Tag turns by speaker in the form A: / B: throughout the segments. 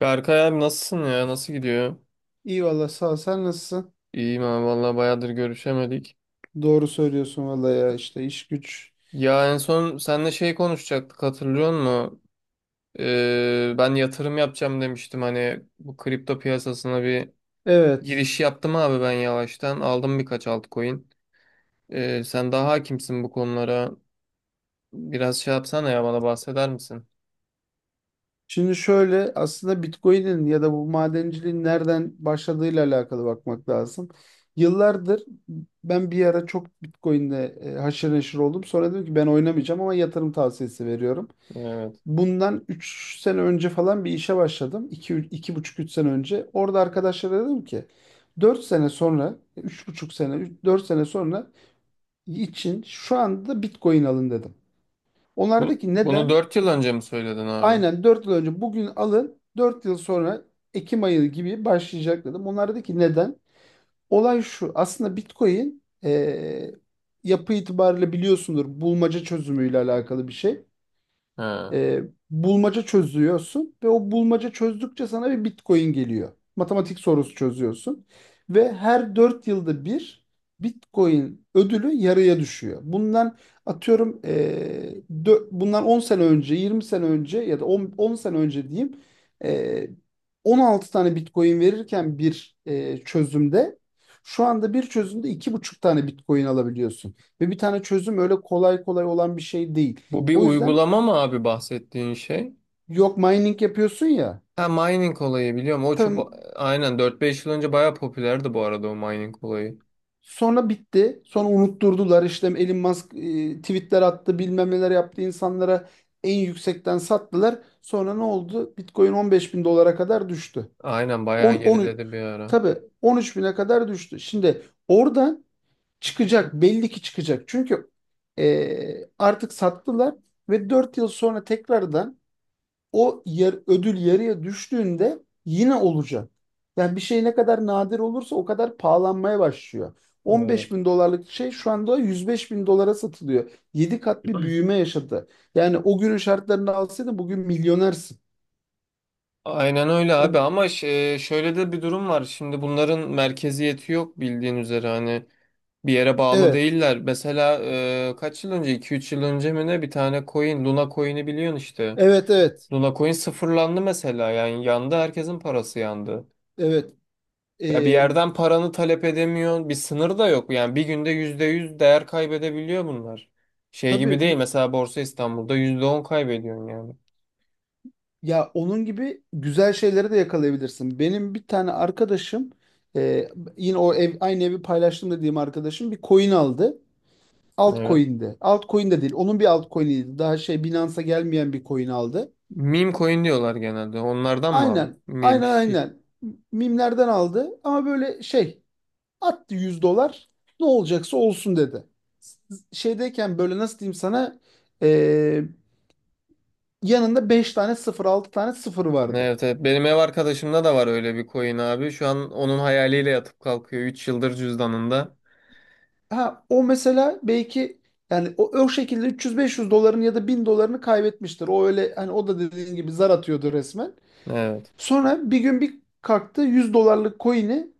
A: Berkay abi nasılsın ya? Nasıl gidiyor?
B: İyi valla sağ ol. Sen nasılsın?
A: İyiyim abi vallahi bayağıdır görüşemedik.
B: Doğru söylüyorsun valla ya işte iş güç.
A: Ya en son seninle şey konuşacaktık hatırlıyor musun? Ben yatırım yapacağım demiştim hani bu kripto piyasasına bir
B: Evet.
A: giriş yaptım abi ben yavaştan. Aldım birkaç altcoin. Sen daha hakimsin bu konulara. Biraz şey yapsana ya bana bahseder misin?
B: Şimdi şöyle aslında Bitcoin'in ya da bu madenciliğin nereden başladığıyla alakalı bakmak lazım. Yıllardır ben bir ara çok Bitcoin'le haşır neşir oldum. Sonra dedim ki ben oynamayacağım ama yatırım tavsiyesi veriyorum.
A: Evet.
B: Bundan 3 sene önce falan bir işe başladım. İki iki buçuk, 3 sene önce. Orada arkadaşlara dedim ki 4 sene sonra, 3,5 sene, 4 sene sonra için şu anda Bitcoin alın dedim.
A: Bunu,
B: Onlardaki
A: bunu
B: neden?
A: 4 yıl önce mi söyledin abi?
B: Aynen 4 yıl önce bugün alın, 4 yıl sonra Ekim ayı gibi başlayacak dedim. Onlardaki neden? Olay şu, aslında Bitcoin yapı itibariyle biliyorsundur, bulmaca çözümüyle alakalı bir şey.
A: He.
B: e, Bulmaca çözüyorsun ve o bulmaca çözdükçe sana bir Bitcoin geliyor. Matematik sorusu çözüyorsun ve her 4 yılda bir Bitcoin ödülü yarıya düşüyor. Bundan atıyorum, bundan 10 sene önce, 20 sene önce ya da 10 sene önce diyeyim, e, 16 tane Bitcoin verirken bir çözümde, şu anda bir çözümde 2,5 tane Bitcoin alabiliyorsun. Ve bir tane çözüm öyle kolay kolay olan bir şey değil.
A: Bu bir
B: O yüzden.
A: uygulama mı abi bahsettiğin şey?
B: Yok, mining yapıyorsun ya.
A: Ha, mining olayı biliyorum. O
B: Tam.
A: çok aynen dört beş yıl önce bayağı popülerdi bu arada o mining olayı.
B: Sonra bitti. Sonra unutturdular işte, Elon Musk tweetler attı, bilmem neler yaptı insanlara, en yüksekten sattılar. Sonra ne oldu? Bitcoin 15 bin dolara kadar düştü.
A: Aynen bayağı
B: 10, 10,
A: geriledi bir ara.
B: tabii 13 bine kadar düştü. Şimdi oradan çıkacak, belli ki çıkacak. Çünkü artık sattılar ve 4 yıl sonra tekrardan, ödül yarıya düştüğünde yine olacak. Yani bir şey ne kadar nadir olursa o kadar pahalanmaya başlıyor.
A: Evet.
B: 15 bin dolarlık şey şu anda 105 bin dolara satılıyor. 7 kat bir büyüme yaşadı. Yani o günün şartlarını alsaydın bugün milyonersin.
A: Aynen öyle abi
B: O,
A: ama şöyle de bir durum var. Şimdi bunların merkeziyeti yok bildiğin üzere hani bir yere bağlı
B: evet,
A: değiller. Mesela kaç yıl önce iki üç yıl önce mi ne bir tane coin Luna coin'i biliyorsun işte.
B: evet, evet,
A: Luna coin sıfırlandı mesela yani yandı herkesin parası yandı.
B: evet.
A: Ya bir
B: Ee,
A: yerden paranı talep edemiyorsun. Bir sınır da yok. Yani bir günde %100 değer kaybedebiliyor bunlar. Şey
B: tabii,
A: gibi değil. Mesela Borsa İstanbul'da %10 kaybediyorsun yani.
B: ya onun gibi güzel şeyleri de yakalayabilirsin. Benim bir tane arkadaşım, e, yine aynı evi paylaştım dediğim arkadaşım bir coin aldı.
A: Evet.
B: Altcoin'de. Altcoin de değil. Onun bir altcoin'iydi. Daha şey, Binance'a gelmeyen bir coin aldı.
A: Meme coin diyorlar genelde. Onlardan mı abi?
B: Aynen.
A: Meme
B: Aynen
A: shit.
B: aynen. Mimlerden aldı ama böyle şey attı, 100 dolar. Ne olacaksa olsun dedi. Şeydeyken, böyle nasıl diyeyim sana, eee, yanında 5 tane sıfır, 6 tane sıfır vardı.
A: Evet, evet. Benim ev arkadaşımda da var öyle bir coin abi. Şu an onun hayaliyle yatıp kalkıyor. Üç yıldır cüzdanında.
B: Ha o mesela belki, yani o şekilde 300-500 doların ya da 1.000 dolarını kaybetmiştir. O öyle, hani o da dediğin gibi zar atıyordu resmen.
A: Evet.
B: Sonra bir gün bir kalktı, 100 dolarlık coin'i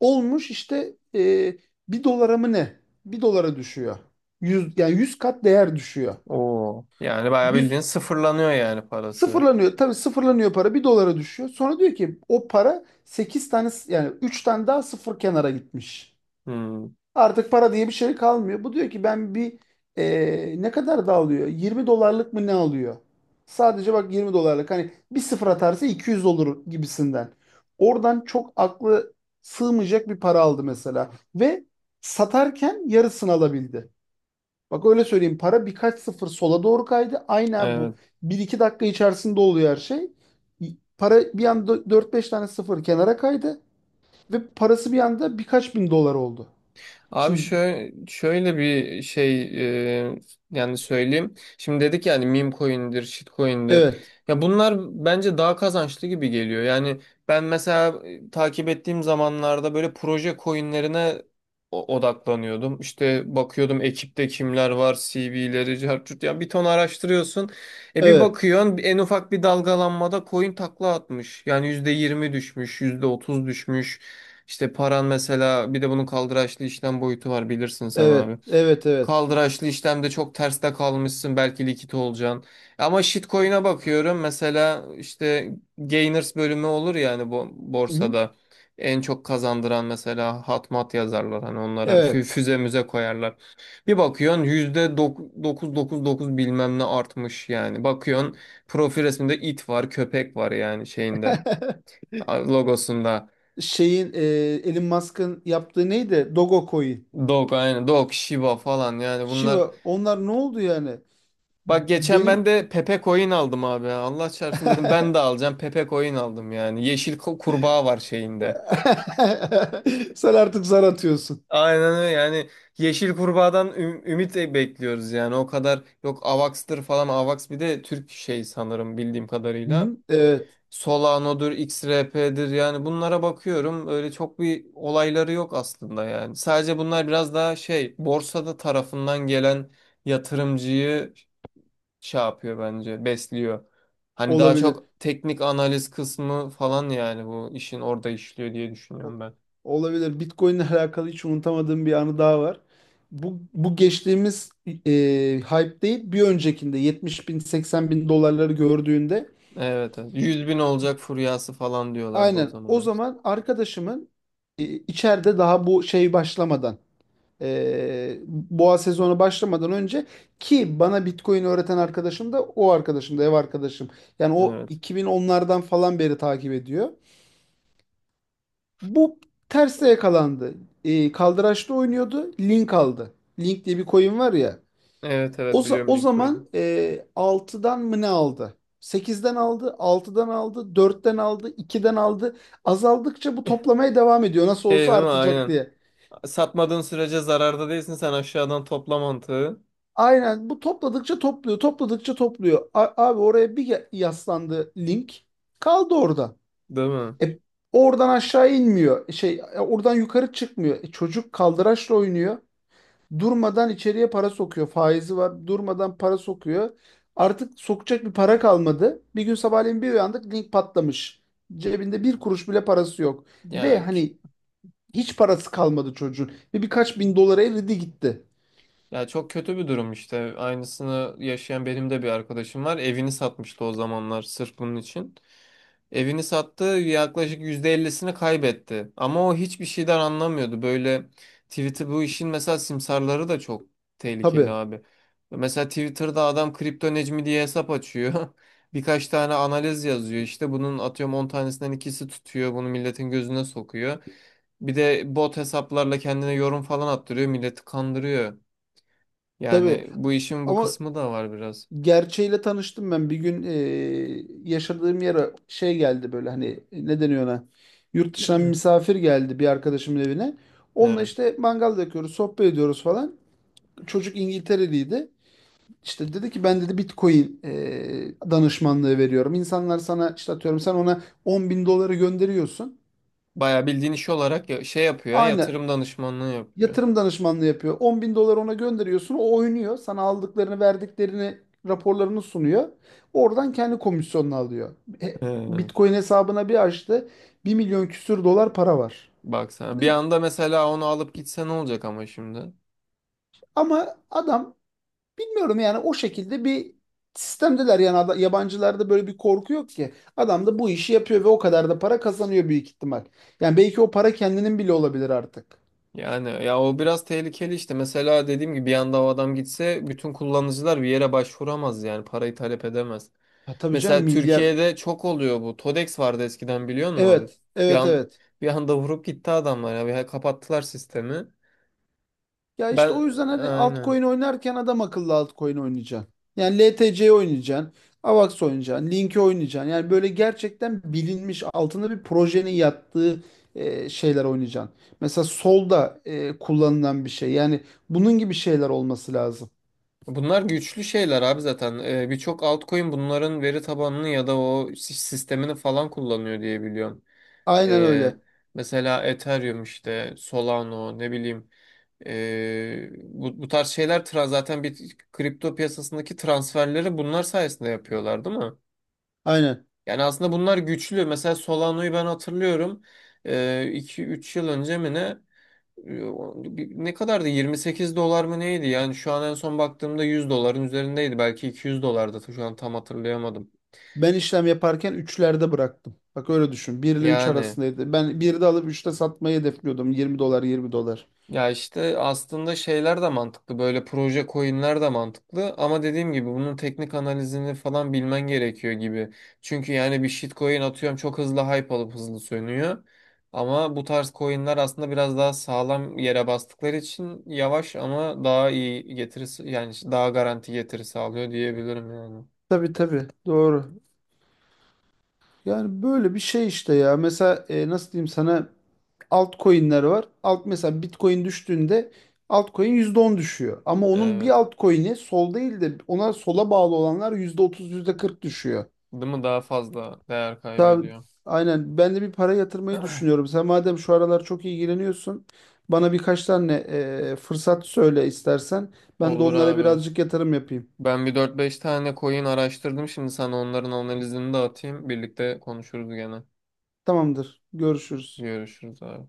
B: olmuş işte 1 dolara mı ne? Bir dolara düşüyor. 100, yani 100 kat değer düşüyor.
A: Oo. Yani bayağı bildiğin
B: Yüz
A: sıfırlanıyor yani parası.
B: sıfırlanıyor. Tabii sıfırlanıyor, para bir dolara düşüyor. Sonra diyor ki o para 8 tane, yani 3 tane daha sıfır kenara gitmiş.
A: Hmm.
B: Artık para diye bir şey kalmıyor. Bu diyor ki ben bir ne kadar da alıyor? 20 dolarlık mı ne alıyor? Sadece bak, 20 dolarlık. Hani bir sıfır atarsa 200 olur gibisinden. Oradan çok aklı sığmayacak bir para aldı mesela. Ve satarken yarısını alabildi. Bak öyle söyleyeyim, para birkaç sıfır sola doğru kaydı. Aynen bu.
A: Evet.
B: Bir iki dakika içerisinde oluyor her şey. Para bir anda 4-5 tane sıfır kenara kaydı. Ve parası bir anda birkaç bin dolar oldu.
A: Abi
B: Şimdi
A: şöyle bir şey, e, yani söyleyeyim. Şimdi dedik yani meme coin'dir, shit coin'dir.
B: evet.
A: Ya bunlar bence daha kazançlı gibi geliyor. Yani ben mesela takip ettiğim zamanlarda böyle proje coin'lerine odaklanıyordum. İşte bakıyordum ekipte kimler var, CV'leri, cartçut ya bir ton araştırıyorsun. Bir
B: Evet,
A: bakıyorsun en ufak bir dalgalanmada coin takla atmış. Yani %20 düşmüş, %30 düşmüş. İşte paran mesela bir de bunun kaldıraçlı işlem boyutu var bilirsin sen
B: evet,
A: abi.
B: evet, evet.
A: Kaldıraçlı işlemde çok terste kalmışsın belki likit olacaksın. Ama shitcoin'e bakıyorum mesela işte gainers bölümü olur yani bu
B: Hı hı.
A: borsada. En çok kazandıran mesela hatmat yazarlar hani onlara
B: Evet.
A: füze müze koyarlar. Bir bakıyorsun %999 bilmem ne artmış yani. Bakıyorsun profil resminde it var köpek var yani şeyinde logosunda.
B: Şeyin, Elon Musk'ın yaptığı neydi? Dogecoin.
A: Dog, aynen. Dog, Shiba falan yani bunlar.
B: Shiba. Onlar ne oldu yani?
A: Bak geçen ben
B: Benim.
A: de Pepe Coin aldım abi. Ya, Allah çarpsın dedim ben de alacağım. Pepe Coin aldım yani. Yeşil kurbağa var şeyinde.
B: Sen artık zar atıyorsun.
A: Aynen öyle yani. Yeşil kurbağadan ümit bekliyoruz yani. O kadar yok Avax'tır falan. Avax bir de Türk şey sanırım bildiğim
B: Hı
A: kadarıyla.
B: hı. Evet,
A: Solano'dur, XRP'dir yani bunlara bakıyorum. Öyle çok bir olayları yok aslında yani. Sadece bunlar biraz daha şey borsada tarafından gelen yatırımcıyı şey yapıyor bence besliyor. Hani daha
B: olabilir.
A: çok teknik analiz kısmı falan yani bu işin orada işliyor diye
B: O-
A: düşünüyorum ben.
B: Olabilir. Bitcoin'le alakalı hiç unutamadığım bir anı daha var. Bu geçtiğimiz hype değil, bir öncekinde 70 bin, 80 bin dolarları gördüğünde.
A: Evet, evet. Yüz bin olacak furyası falan diyorlardı o
B: Aynen. O
A: zamanlar işte.
B: zaman arkadaşımın, içeride daha bu şey başlamadan, boğa sezonu başlamadan önce, ki bana Bitcoin öğreten arkadaşım da o arkadaşım da ev arkadaşım. Yani o
A: Evet.
B: 2010'lardan falan beri takip ediyor. Bu terste yakalandı. Kaldıraçta oynuyordu. Link aldı. Link diye bir coin var ya.
A: Evet, evet, biliyorum
B: O
A: Lincoln'u.
B: zaman 6'dan mı ne aldı? Sekizden aldı, altıdan aldı, dörtten aldı, 2'den aldı. Azaldıkça bu toplamaya devam ediyor. Nasıl
A: Şey
B: olsa
A: değil mi?
B: artacak
A: Aynen.
B: diye.
A: Satmadığın sürece zararda değilsin sen aşağıdan topla mantığı.
B: Aynen bu, topladıkça topluyor, topladıkça topluyor. Abi oraya bir yaslandı link. Kaldı orada.
A: Değil mi?
B: E, oradan aşağı inmiyor. Şey, oradan yukarı çıkmıyor. Çocuk kaldıraçla oynuyor. Durmadan içeriye para sokuyor. Faizi var. Durmadan para sokuyor. Artık sokacak bir para kalmadı. Bir gün sabahleyin bir uyandık, link patlamış. Cebinde bir kuruş bile parası yok. Ve
A: Ya
B: hani hiç parası kalmadı çocuğun. Ve birkaç bin dolara eridi gitti.
A: Ya, çok kötü bir durum işte. Aynısını yaşayan benim de bir arkadaşım var. Evini satmıştı o zamanlar sırf bunun için. Evini sattı, yaklaşık %50'sini kaybetti. Ama o hiçbir şeyden anlamıyordu. Böyle Twitter bu işin mesela simsarları da çok tehlikeli
B: Tabii,
A: abi. Mesela Twitter'da adam kripto Necmi diye hesap açıyor. Birkaç tane analiz yazıyor. İşte bunun atıyorum 10 tanesinden ikisi tutuyor. Bunu milletin gözüne sokuyor. Bir de bot hesaplarla kendine yorum falan attırıyor. Milleti kandırıyor.
B: tabii.
A: Yani bu işin bu
B: Ama
A: kısmı da var biraz.
B: gerçeğiyle tanıştım ben. Bir gün yaşadığım yere şey geldi, böyle hani ne deniyor ona? Yurt dışından bir misafir geldi bir arkadaşımın evine. Onunla
A: Evet.
B: işte mangal yakıyoruz, sohbet ediyoruz falan. Çocuk İngiltereliydi. İşte dedi ki ben, dedi, Bitcoin danışmanlığı veriyorum. İnsanlar sana işte atıyorum sen ona 10 bin doları gönderiyorsun.
A: Bayağı bildiğin iş olarak şey yapıyor,
B: Aynı
A: yatırım danışmanlığı yapıyor.
B: yatırım danışmanlığı yapıyor. 10 bin dolar ona gönderiyorsun. O oynuyor. Sana aldıklarını, verdiklerini, raporlarını sunuyor. Oradan kendi komisyonunu alıyor. E,
A: Ee,
B: Bitcoin hesabına bir açtı. 1 milyon küsür dolar para var.
A: Baksana. Bir
B: Dedik
A: anda mesela onu alıp gitse ne olacak ama şimdi?
B: ama adam, bilmiyorum yani, o şekilde bir sistemdeler yani. Yabancılarda böyle bir korku yok ki. Adam da bu işi yapıyor ve o kadar da para kazanıyor büyük ihtimal. Yani belki o para kendinin bile olabilir artık.
A: Yani ya o biraz tehlikeli işte. Mesela dediğim gibi bir anda o adam gitse bütün kullanıcılar bir yere başvuramaz yani parayı talep edemez.
B: Ha, tabii canım,
A: Mesela
B: milyar.
A: Türkiye'de çok oluyor bu. Todex vardı eskiden biliyor musun abi?
B: Evet,
A: Bir
B: evet,
A: an
B: evet.
A: Bir anda vurup gitti adamlar ya. Kapattılar sistemi.
B: Ya işte
A: Ben,
B: o yüzden hani
A: aynen.
B: altcoin oynarken adam akıllı altcoin oynayacaksın. Yani LTC oynayacaksın, AVAX oynayacaksın, Link'i oynayacaksın. Yani böyle gerçekten bilinmiş, altında bir projenin yattığı şeyler oynayacaksın. Mesela solda kullanılan bir şey. Yani bunun gibi şeyler olması lazım.
A: Bunlar güçlü şeyler abi zaten. Birçok altcoin bunların veri tabanını ya da o sistemini falan kullanıyor diye biliyorum.
B: Aynen
A: Ee,
B: öyle.
A: Mesela Ethereum işte, Solano ne bileyim. Bu tarz şeyler zaten bir kripto piyasasındaki transferleri bunlar sayesinde yapıyorlar değil mi?
B: Aynen.
A: Yani aslında bunlar güçlü. Mesela Solano'yu ben hatırlıyorum. İki üç yıl önce mi ne? Ne kadardı? 28 dolar mı neydi? Yani şu an en son baktığımda 100 doların üzerindeydi. Belki 200 dolardı. Şu an tam hatırlayamadım.
B: Ben işlem yaparken üçlerde bıraktım. Bak öyle düşün. 1 ile 3
A: Yani
B: arasındaydı. Ben 1'de alıp üçte satmayı hedefliyordum. 20 dolar, 20 dolar.
A: ya işte aslında şeyler de mantıklı. Böyle proje coinler de mantıklı. Ama dediğim gibi bunun teknik analizini falan bilmen gerekiyor gibi. Çünkü yani bir shitcoin atıyorum çok hızlı hype alıp hızlı sönüyor. Ama bu tarz coinler aslında biraz daha sağlam yere bastıkları için yavaş ama daha iyi getirisi yani daha garanti getiri sağlıyor diyebilirim yani.
B: Tabii tabii. Doğru. Yani böyle bir şey işte ya. Mesela nasıl diyeyim sana, altcoin'ler var. Alt mesela Bitcoin düştüğünde altcoin %10 düşüyor. Ama onun bir
A: Evet.
B: altcoin'i sol değil de ona sola bağlı olanlar %30, yüzde kırk düşüyor.
A: Değil mi? Daha fazla değer
B: Tabii,
A: kaybediyor.
B: aynen ben de bir para yatırmayı düşünüyorum. Sen madem şu aralar çok ilgileniyorsun, bana birkaç tane fırsat söyle istersen. Ben de
A: Olur
B: onlara
A: abi.
B: birazcık yatırım yapayım.
A: Ben bir dört beş tane coin araştırdım. Şimdi sana onların analizini de atayım. Birlikte konuşuruz gene.
B: Tamamdır. Görüşürüz.
A: Görüşürüz abi.